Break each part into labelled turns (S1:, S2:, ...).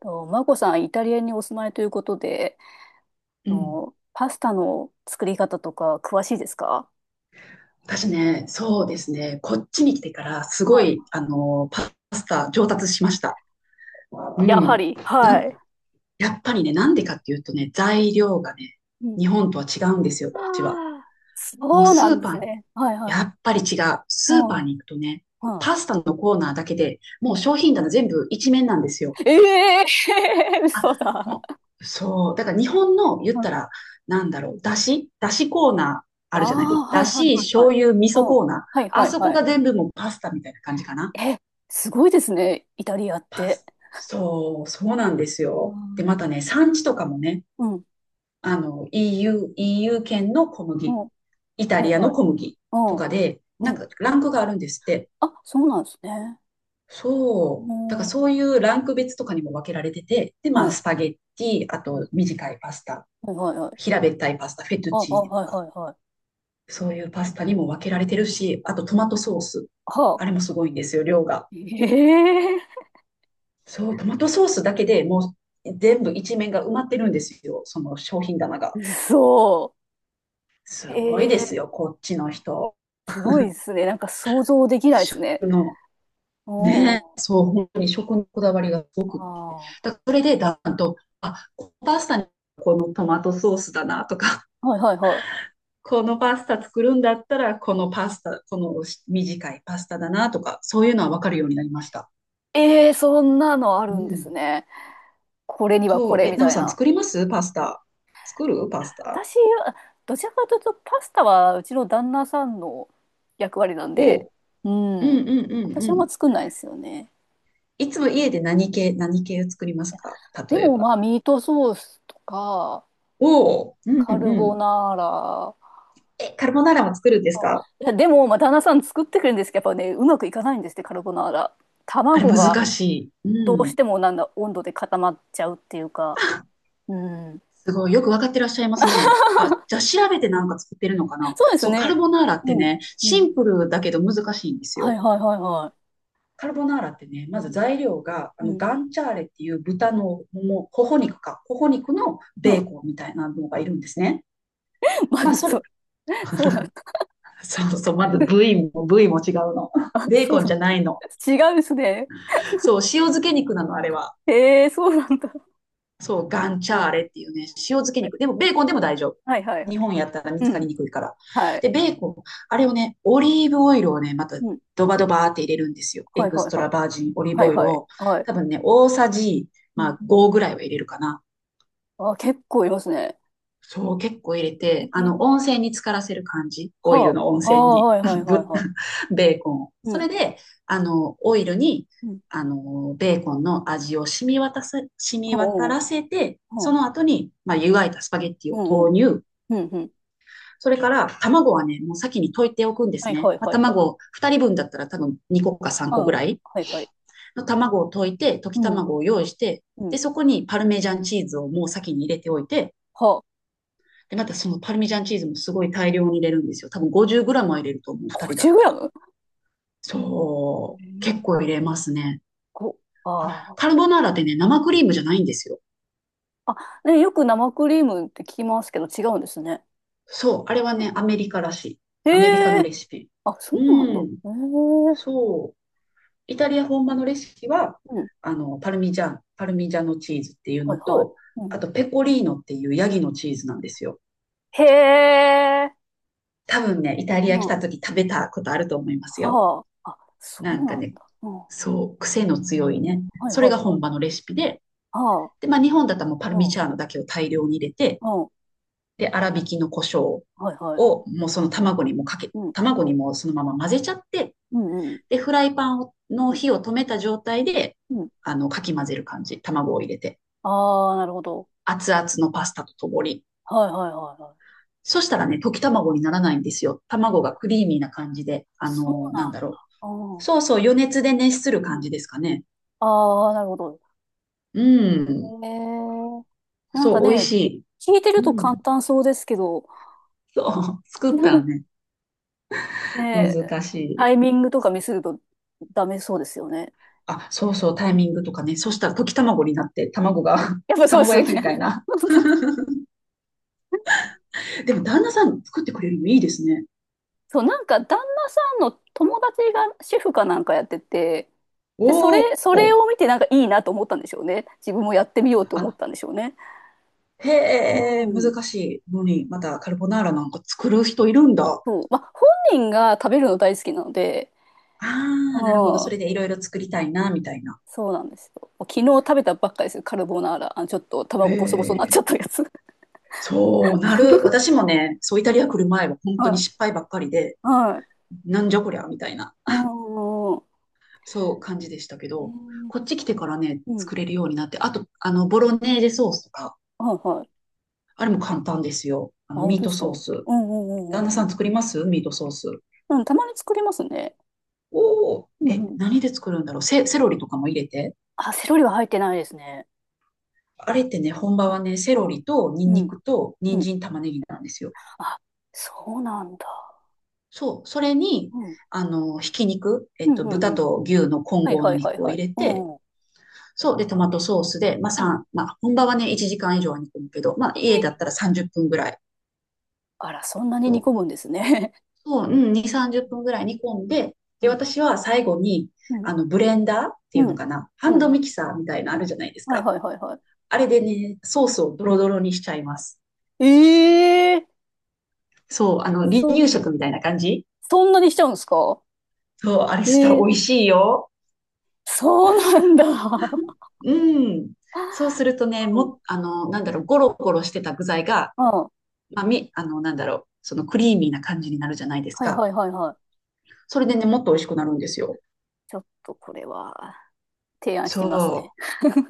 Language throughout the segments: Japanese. S1: と、マコさん、イタリアにお住まいということで、
S2: うん。
S1: パスタの作り方とか詳しいですか？
S2: 私ね、そうですね。こっちに来てから、すご
S1: はい。
S2: い、パスタ上達しました。う
S1: やは
S2: ん。
S1: り、
S2: な
S1: は
S2: ん、
S1: い。
S2: やっぱりね、なんで
S1: うん。
S2: かっていうとね、材料がね、
S1: うん。
S2: 日本とは違うんですよ、
S1: あ
S2: こっちは。
S1: あ、
S2: もう
S1: そうな
S2: ス
S1: ん
S2: ー
S1: で
S2: パ
S1: す
S2: ー、
S1: ね。はいは
S2: や
S1: い。
S2: っぱり違う。
S1: う
S2: スーパー
S1: ん。
S2: に行くとね、
S1: は
S2: パスタのコーナーだけで
S1: い。う
S2: もう
S1: ん。
S2: 商品棚全部一面なんですよ。
S1: ええー、
S2: あ、
S1: 嘘だ。
S2: もう、そう。だから日本の言
S1: う
S2: った
S1: ん。
S2: ら、なんだろう、だしコーナー
S1: あ
S2: あるじゃないです
S1: あ、
S2: か。
S1: は
S2: だ
S1: いはい
S2: し、
S1: はいは
S2: 醤
S1: い。
S2: 油、味噌
S1: うん。
S2: コーナー。
S1: はいは
S2: あ
S1: い
S2: そこ
S1: はい。
S2: が全部もうパスタみたいな感じかな。
S1: え、すごいですね、イタリアって。
S2: そう、そうなんです
S1: う
S2: よ。で、
S1: ん。
S2: またね、産地とかもね、
S1: うん。
S2: EU 圏の小
S1: う
S2: 麦、
S1: ん。
S2: イタ
S1: はい
S2: リアの
S1: はい。
S2: 小麦
S1: う
S2: と
S1: ん。
S2: かで、な
S1: は
S2: ん
S1: い。
S2: かランクがあるんですって。
S1: あ、そうなんですね。う
S2: そう。だか
S1: ん。
S2: らそういうランク別とかにも分けられてて、で、ま
S1: は
S2: あ、スパ
S1: い。
S2: ゲッティ、あ
S1: うん。
S2: と短いパスタ
S1: はいはいはい。
S2: 平べったいパスタ、フェト
S1: あ、
S2: ゥ
S1: あ、
S2: チーネと
S1: はい
S2: か、
S1: はいはい。
S2: そういうパスタにも分けられてるし、あとトマトソース。
S1: は
S2: あれ
S1: あ。
S2: もすごいんですよ、量が。
S1: ええ
S2: そう、トマトソースだけでもう全部一面が埋まってるんですよ、その商品棚が。
S1: ー、嘘。え
S2: すごいで
S1: え
S2: す
S1: ー、
S2: よ、こっちの人。
S1: すごいですね。なんか想像できないです
S2: 食
S1: ね。
S2: の、
S1: お
S2: ね、
S1: ー、
S2: そう、本当に食のこだわりがすごく。
S1: あ
S2: だからそれでだんだんと、あ、このパスタにこのトマトソースだなとか、
S1: ー。はいはいは
S2: このパスタ作るんだったら、このパスタ、この短いパスタだなとか、そういうのはわかるようになりました。
S1: い。ええー、そんなのあ
S2: う
S1: るんです
S2: ん。
S1: ね。これにはこ
S2: そう。
S1: れ
S2: え、
S1: み
S2: なお
S1: たい
S2: さん
S1: な。
S2: 作りますパスタ？作るパスタ。
S1: 私、どちらかというとパスタはうちの旦那さんの役割なんで、
S2: を
S1: う
S2: う。んう
S1: ん。
S2: んうん
S1: 私
S2: う
S1: はあん
S2: ん。
S1: ま作んないですよね。
S2: いつも家で何系を作りますか？
S1: で
S2: 例え
S1: も
S2: ば。
S1: まあミートソースとか、
S2: おう。うん
S1: カル
S2: う
S1: ボ
S2: ん。
S1: ナーラ。
S2: え、カルボナーラも作るんですか？
S1: いや、でも、まあ、旦那さん作ってくれるんですけど、やっぱね、うまくいかないんですって、カルボナーラ。
S2: あれ
S1: 卵が
S2: 難しい。う
S1: どうし
S2: ん。
S1: てもなんだ、温度で固まっちゃうっていうか。うん。
S2: すごい。よくわかってらっしゃいますね。あ、じゃあ調べてなんか作ってるのかな。
S1: そうです
S2: そう、カ
S1: ね。
S2: ルボナーラって
S1: うん。
S2: ね、
S1: う
S2: シ
S1: ん。
S2: ンプルだけど難しいんです
S1: はい
S2: よ。
S1: はいはいは
S2: カルボナーラってね、まず
S1: い。うん。
S2: 材料が、
S1: うん。
S2: ガンチャーレっていう豚のもも、頬肉か、頬肉のベーコンみたいなのがいるんですね。
S1: ま
S2: まあ、
S1: ず、
S2: それ、
S1: それ、そうなんだ。
S2: そうそう、まず部位も違うの。
S1: あ、
S2: ベー
S1: そう
S2: コン
S1: な
S2: じ
S1: ん
S2: ゃないの。
S1: だ。違うんですね。
S2: そう、塩漬け肉なの、あれは。
S1: へえ、そうなんだ。
S2: そう、ガンチャーレっていうね、塩漬け肉。でも、ベーコンでも大丈夫。
S1: はいはいはい。
S2: 日本やったら見
S1: う
S2: つかり
S1: ん。
S2: にくいから。
S1: は
S2: で、
S1: い。
S2: ベーコン、あれをね、オリーブオイルをね、また
S1: うん。
S2: ドバドバーって入れるんですよ。エ
S1: はい
S2: ク
S1: は
S2: ス
S1: い
S2: ト
S1: は
S2: ラ
S1: い。
S2: バージンオリー
S1: は
S2: ブ
S1: い
S2: オイル
S1: はい
S2: を。
S1: はい。
S2: 多分ね、大さじ、
S1: う
S2: ま
S1: ん。
S2: あ、5ぐらいは入れるかな。
S1: あ、結構いますね。
S2: そう、結構入れ
S1: え
S2: て、
S1: ー
S2: 温泉に浸からせる感じ。オイル
S1: は
S2: の温
S1: あ。あ
S2: 泉
S1: あ、
S2: に。
S1: はいは いはい
S2: ぶ
S1: はい。
S2: ベーコンを。
S1: う
S2: それ
S1: ん。
S2: で、オイルに、
S1: うん。
S2: ベーコンの味を染み渡
S1: おう
S2: らせて、
S1: おうお
S2: そ
S1: う。
S2: の後に、まあ、湯がいたスパゲッティ
S1: う
S2: を
S1: んう
S2: 投
S1: ん。
S2: 入。
S1: うんうん。
S2: それから、卵はね、もう先に溶いておくんで
S1: は
S2: す
S1: い
S2: ね。
S1: はい
S2: まあ、
S1: はいはい。
S2: 卵を、二人分だったら多分2個か3
S1: う
S2: 個ぐ
S1: ん。
S2: らい
S1: はいはい。
S2: の卵を溶いて、溶き
S1: うん。
S2: 卵を用意して、
S1: う
S2: で、
S1: ん。
S2: そこにパルメジャンチーズをもう先に入れておいて、
S1: はあ。
S2: で、またそのパルミジャンチーズもすごい大量に入れるんですよ。多分 50g は入れると思う、2人だっ
S1: 50グ
S2: た
S1: ラ
S2: ら。
S1: ム。
S2: そう。
S1: え
S2: 結構
S1: ー
S2: 入れますね。
S1: こ、
S2: あ、
S1: あ
S2: カルボナーラってね、生クリームじゃないんですよ。
S1: あ。あ、ね、よく生クリームって聞きますけど違うんですね。
S2: そう。あれはね、
S1: う
S2: アメリカらしい。
S1: ん、
S2: アメリカ
S1: へ
S2: の
S1: え。
S2: レシピ。
S1: あ、そ
S2: う
S1: うなんだ。
S2: ん。
S1: へえ。
S2: そう。イタリア本場のレシピは、
S1: うん。
S2: パルミジャノチーズっていう
S1: は
S2: の
S1: いはい。
S2: と、
S1: う
S2: あ
S1: ん。
S2: とペコリーノっていうヤギのチーズなんですよ。
S1: へえ。
S2: 多分ね、イタリア
S1: う
S2: 来た
S1: ん。
S2: 時食べたことあると思いますよ。
S1: はあ。あ、そ
S2: な
S1: う
S2: んか
S1: なん
S2: ね、
S1: だ。うん。は
S2: そう、癖の強いね。
S1: いはい
S2: それが
S1: は
S2: 本
S1: い。
S2: 場のレシピで、
S1: は
S2: で、まあ日本だったらもうパ
S1: あ。
S2: ル
S1: う
S2: ミチ
S1: ん。
S2: ャーノだけを大量に入れて、
S1: うん。
S2: で、粗挽きの胡椒
S1: はいはい。
S2: をもうその卵にも
S1: うん。
S2: そのまま混ぜちゃって、
S1: うんうん。
S2: で、フライパンをの
S1: うん。
S2: 火を止めた状態で、
S1: うん、
S2: かき混ぜる感じ。卵を入れて。
S1: ああ、なるほど。
S2: 熱々のパスタとともに。
S1: はいはいはいは
S2: そしたらね、溶き
S1: い。うん、
S2: 卵にならないんですよ。卵がクリーミーな感じで、
S1: そう
S2: なん
S1: なん
S2: だ
S1: だ。
S2: ろう。
S1: あー、
S2: そうそう、余熱で熱する
S1: う
S2: 感
S1: ん、
S2: じですかね。
S1: ああ、なるほど。
S2: うん。
S1: へえ。なんか
S2: そう、美味
S1: ね、
S2: しい。
S1: 聞いて
S2: う
S1: ると簡
S2: ん。
S1: 単そうですけど、
S2: そう。作ったらね、
S1: ねえ、
S2: 難し
S1: タイ
S2: い。
S1: ミングとかミスるとダメそうですよね。
S2: あ、そうそう、タイミングとかね。
S1: う
S2: そ
S1: ん、
S2: したら溶き卵になって、卵が、
S1: やっ ぱそうで
S2: 卵
S1: すよ
S2: 焼きみ
S1: ね。
S2: たいな。でも、旦那さん作ってくれるのいいですね。
S1: そう、なんか旦那さんの友達が主婦かなんかやってて、で、そ
S2: お
S1: れ、それ
S2: お。
S1: を見てなんかいいなと思ったんでしょうね。自分もやってみようと思っ
S2: あ、
S1: たんでしょうね。
S2: へ
S1: う
S2: え、
S1: ん。
S2: 難しいのに、またカルボナーラなんか作る人いるんだ。
S1: そう、まあ、本人が食べるの大好きなので、
S2: あ
S1: う
S2: あ、なるほど。そ
S1: ん、
S2: れでいろいろ作りたいな、みたいな。
S1: そうなんですよ。昨日食べたばっかりですよ、カルボナーラ。あ、ちょっと
S2: へ
S1: 卵ボソボソになっち
S2: え。
S1: ゃったやつ。
S2: そうなる。私もね、そうイタリア来る前は本当に
S1: はい。
S2: 失敗ばっかりで、
S1: はい。
S2: なんじゃこりゃ、みたいな。
S1: うん、うん。
S2: そう感じでしたけど、こっち来てからね、
S1: うん。
S2: 作れるようになって、あと、ボロネーゼソースとか、
S1: はいはい。
S2: あれも簡単ですよ。
S1: あ、本
S2: ミー
S1: 当で
S2: ト
S1: すか？
S2: ソース。
S1: うんうんう
S2: 旦那
S1: ん
S2: さ
S1: うん。
S2: ん作りますミートソース？
S1: うん、たまに作りますね。
S2: おお、
S1: うん
S2: え、
S1: うん。
S2: 何で作るんだろう？セロリとかも入れて。
S1: あ、セロリは入ってないですね。
S2: あれってね、本場はね、セ
S1: う
S2: ロ
S1: ん。
S2: リとニン
S1: う
S2: ニ
S1: ん。
S2: クと
S1: う
S2: 人
S1: ん。
S2: 参玉ねぎなんですよ。
S1: あ、そうなんだ。
S2: そう、それに、
S1: うん。
S2: ひき肉、
S1: うんうん
S2: 豚
S1: うん。
S2: と牛の混
S1: はい
S2: 合
S1: は
S2: の
S1: いはい
S2: 肉を
S1: は
S2: 入
S1: い。
S2: れ
S1: う
S2: て、
S1: んうん。
S2: そう、で、トマトソースで、まあ、
S1: うん。
S2: 3、まあ、本場はね、1時間以上は煮込むけど、まあ、家だっ
S1: え、
S2: たら30分ぐらい、
S1: あら、そんなに
S2: そ
S1: 煮込
S2: う、
S1: むんですね。
S2: そう、うん、2、30分ぐらい煮込んで、で、私は最後に、
S1: うん。
S2: ブレンダーって
S1: う
S2: いうの
S1: ん。
S2: かな、ハ
S1: う
S2: ン
S1: ん。
S2: ド
S1: う
S2: ミ
S1: ん、
S2: キサーみたいなのあるじゃないです
S1: はい
S2: か。
S1: はいはいはい。
S2: あれでね、ソースをドロドロにしちゃいます。
S1: ええ、
S2: そう、離
S1: そ
S2: 乳
S1: う。
S2: 食みたいな感じ。
S1: そんなにしちゃうんですか？
S2: そう、あれしたら
S1: え
S2: 美味
S1: え、
S2: しいよ。
S1: そうなんだ。う
S2: うん。そうするとね、
S1: ん。
S2: なん
S1: う
S2: だろ
S1: ん。
S2: う、ゴロゴロしてた具材が、
S1: ああ、
S2: まあ、なんだろう、そのクリーミーな感じになるじゃないです
S1: はい
S2: か。
S1: はいはいはい。
S2: それでね、もっと美味しくなるんですよ。
S1: ちょっとこれは提案してみますね。
S2: そ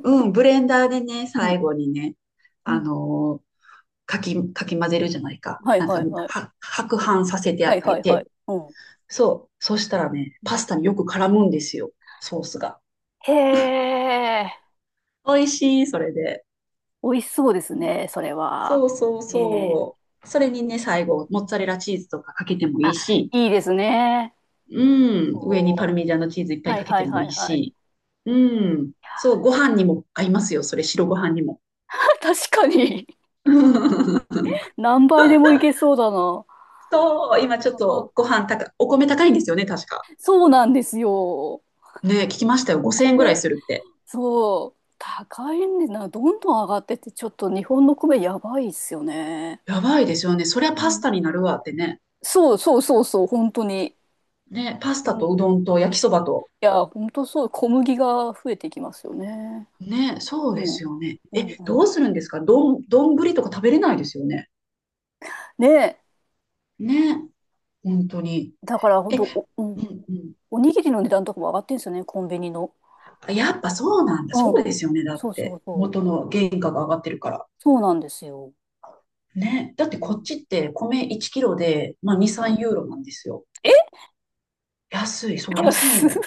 S2: う。うん、ブレンダーでね、
S1: うん。
S2: 最後にね、
S1: う
S2: あ
S1: ん。
S2: のかき混ぜるじゃないか。
S1: はい
S2: なん
S1: は
S2: か、
S1: いはい。
S2: 白飯させて
S1: は
S2: あ
S1: い
S2: げ
S1: はいはい。
S2: て。
S1: うん。
S2: そう。そしたらね、
S1: う
S2: パ
S1: ん、
S2: スタによく絡むんですよ。ソースが。
S1: へえ、
S2: 美味しい、それで。
S1: 美味しそうです
S2: うん
S1: ね、それは。
S2: そうそう
S1: ええ、
S2: そう。それにね、最
S1: うん、
S2: 後、モッツァレラチーズとかかけてもい
S1: あ、
S2: いし、
S1: いいですね。
S2: うん、上に
S1: お
S2: パ
S1: ー、
S2: ルミジャーノチーズいっぱい
S1: は
S2: か
S1: い
S2: け
S1: は
S2: て
S1: い
S2: も
S1: は
S2: いい
S1: いはい。
S2: し、うん、そう、ご飯にも合いますよ、それ、白ご飯にも。
S1: 確かに。何倍でもいけそうだな。
S2: そう、今
S1: や
S2: ちょっ
S1: ば、
S2: とご飯高い、お米高いんですよね、確か。
S1: そうなんですよ。
S2: ね、聞きましたよ、5000円ぐらい
S1: 米、
S2: するって。
S1: そう、高いんでな、どんどん上がってて、ちょっと日本の米やばいっすよね。
S2: やばいですよね。そりゃ
S1: う
S2: パス
S1: ん、
S2: タになるわってね。
S1: そうそうそうそう、本当に。
S2: ね、パス
S1: う
S2: タと
S1: ん。
S2: うど
S1: い
S2: んと焼きそばと。
S1: や、本当そう、小麦が増えていきますよね。
S2: ね、そうで
S1: う
S2: す
S1: ん。
S2: よね。
S1: うん
S2: え、ど
S1: う
S2: う
S1: ん。
S2: するんですか？どんぶりとか食べれないですよね。
S1: ねえ、
S2: ね、本当に。
S1: だから本
S2: え、
S1: 当、う
S2: う
S1: ん、
S2: ん
S1: おにぎりの値段とかも上がってんですよね、コンビニの。
S2: うん。やっぱそうなんだ。
S1: う
S2: そ
S1: ん。
S2: うですよね。だっ
S1: そうそ
S2: て、
S1: うそう。
S2: 元の原価が上がってるから。
S1: そうなんですよ。
S2: ね、だって
S1: う
S2: こっ
S1: ん。
S2: ちって米1キロで、ま
S1: う
S2: あ、2、
S1: ん。
S2: 3ユーロなんですよ。
S1: え、
S2: 安い、そう、
S1: 安
S2: 安い
S1: っ。
S2: の。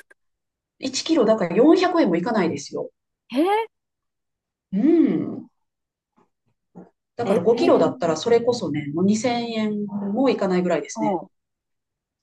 S2: 1キロだから400円もいかないですよ。
S1: えー、
S2: うん。だか
S1: え
S2: ら5キロだっ
S1: え、
S2: たらそれこそね、もう2000円もいかないぐらいですね。
S1: うん。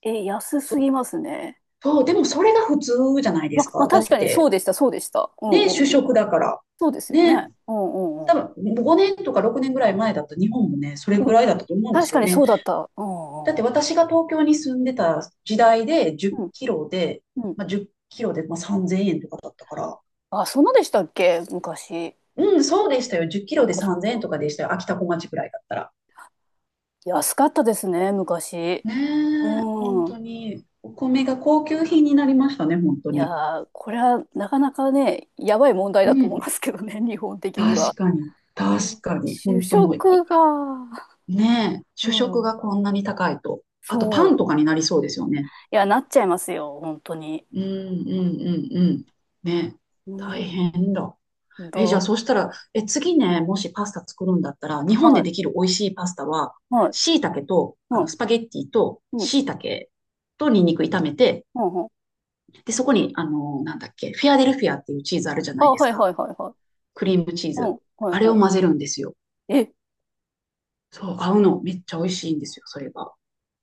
S1: え、安すぎますね。
S2: そう、でもそれが普通じゃないで
S1: ま、
S2: す
S1: まあ、
S2: か。だっ
S1: 確かにそ
S2: て、
S1: うでした、そうでした。うんう
S2: ね、主
S1: んうん。
S2: 食だから。
S1: そうですよ
S2: ね、
S1: ね。うんうんう
S2: 多
S1: んうん。
S2: 分5年とか6年ぐらい前だった日本もね、それ
S1: う
S2: ぐ
S1: ん、
S2: らいだったと思うんで
S1: 確
S2: す
S1: か
S2: よ
S1: に
S2: ね。
S1: そうだった。う
S2: だって
S1: んうん
S2: 私が東京に住んでた時代で10
S1: うん。
S2: キロで、
S1: うん。うん、
S2: まあ、10キロでまあ3000円とかだったから。
S1: あ、そんなでしたっけ、昔。
S2: うん、そうでしたよ。10キ
S1: そ
S2: ロ
S1: っ
S2: で
S1: かそっ
S2: 3000円
S1: か。
S2: とかでしたよ。秋田小町ぐらいだったら。
S1: 安かったですね、昔。
S2: ねえ、本
S1: うん。
S2: 当に。お米が高級品になりましたね、本当
S1: い
S2: に。
S1: やー、これはなかなかね、やばい問題
S2: う
S1: だと思いま
S2: ん。
S1: すけどね、日本的に
S2: 確
S1: は。
S2: かに、
S1: う
S2: 確
S1: ん、
S2: かに。
S1: 主
S2: 本当もう
S1: 食が、
S2: ねえ、
S1: う
S2: 主食
S1: ん。
S2: がこんなに高いと。あと、
S1: そ
S2: パ
S1: う。
S2: ンとかになりそうですよね。
S1: いや、なっちゃいますよ、本当に。
S2: うん、うん、うん、うん。ねえ、
S1: う
S2: 大
S1: ん。
S2: 変だ。
S1: ど、
S2: え、じゃあ、そうしたら、え、次ね、もしパスタ作るんだったら、日
S1: は
S2: 本でで
S1: い、
S2: きる美味しいパスタは、
S1: はい、
S2: 椎茸と、
S1: うん、
S2: スパゲッティと、
S1: うん、
S2: 椎茸とニンニク炒めて、
S1: うん、うん。
S2: で、そこに、なんだっけ、フィアデルフィアっていうチーズあるじゃ
S1: あ、
S2: ないです
S1: はい、
S2: か。
S1: はい、はい、はい。
S2: クリームチー
S1: うん、は
S2: ズ。
S1: い、
S2: あれを
S1: は
S2: 混ぜるんですよ。
S1: い。え、
S2: そう、合うの。めっちゃ美味しいんですよ、それが。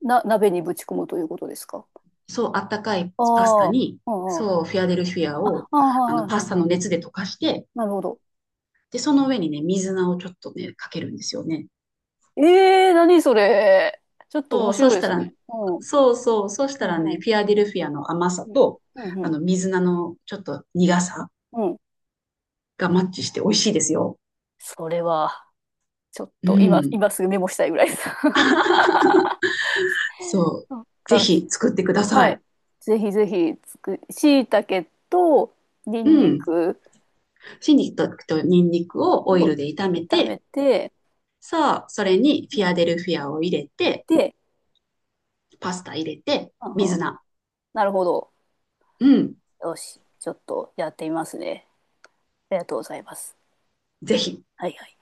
S1: 鍋にぶち込むということですか？
S2: そう、あったかいパスタ
S1: ああ、
S2: に、
S1: うん、うん。
S2: そう、フィアデルフィアを、
S1: あ、あ、はい、は
S2: パ
S1: い、は
S2: スタ
S1: い、は
S2: の
S1: い。
S2: 熱で溶かして、
S1: なるほど。
S2: で、その上にね、水菜をちょっとね、かけるんですよね。
S1: ええー、何それ。ちょっと
S2: そ
S1: 面
S2: う、
S1: 白いですね。うん、
S2: そうそう、そし
S1: う
S2: たら
S1: ん、
S2: ね、
S1: うん、
S2: フィアデルフィアの甘さ
S1: うん、
S2: と、
S1: うん、う
S2: 水菜のちょっと苦さ
S1: ん。うん、
S2: がマッチして美味しいですよ。
S1: それは、ちょっ
S2: う
S1: と今、
S2: ん。
S1: 今すぐメモしたいぐらいです。
S2: そう。
S1: そっ
S2: ぜ
S1: か、
S2: ひ作ってくださ
S1: はい。
S2: い。
S1: ぜひぜひつく、しいたけと、に
S2: う
S1: んに
S2: ん。
S1: く
S2: 春菊とニンニクをオイ
S1: を
S2: ルで炒め
S1: 炒め
S2: て、
S1: て、
S2: さあ、それにフ
S1: う
S2: ィ
S1: ん、
S2: アデルフィアを入れて、
S1: で、
S2: パスタ入れて、
S1: うんう
S2: 水
S1: ん、
S2: 菜。
S1: なるほど。
S2: うん。
S1: よし、ちょっとやってみますね。ありがとうございます。
S2: ぜひ。
S1: はいはい。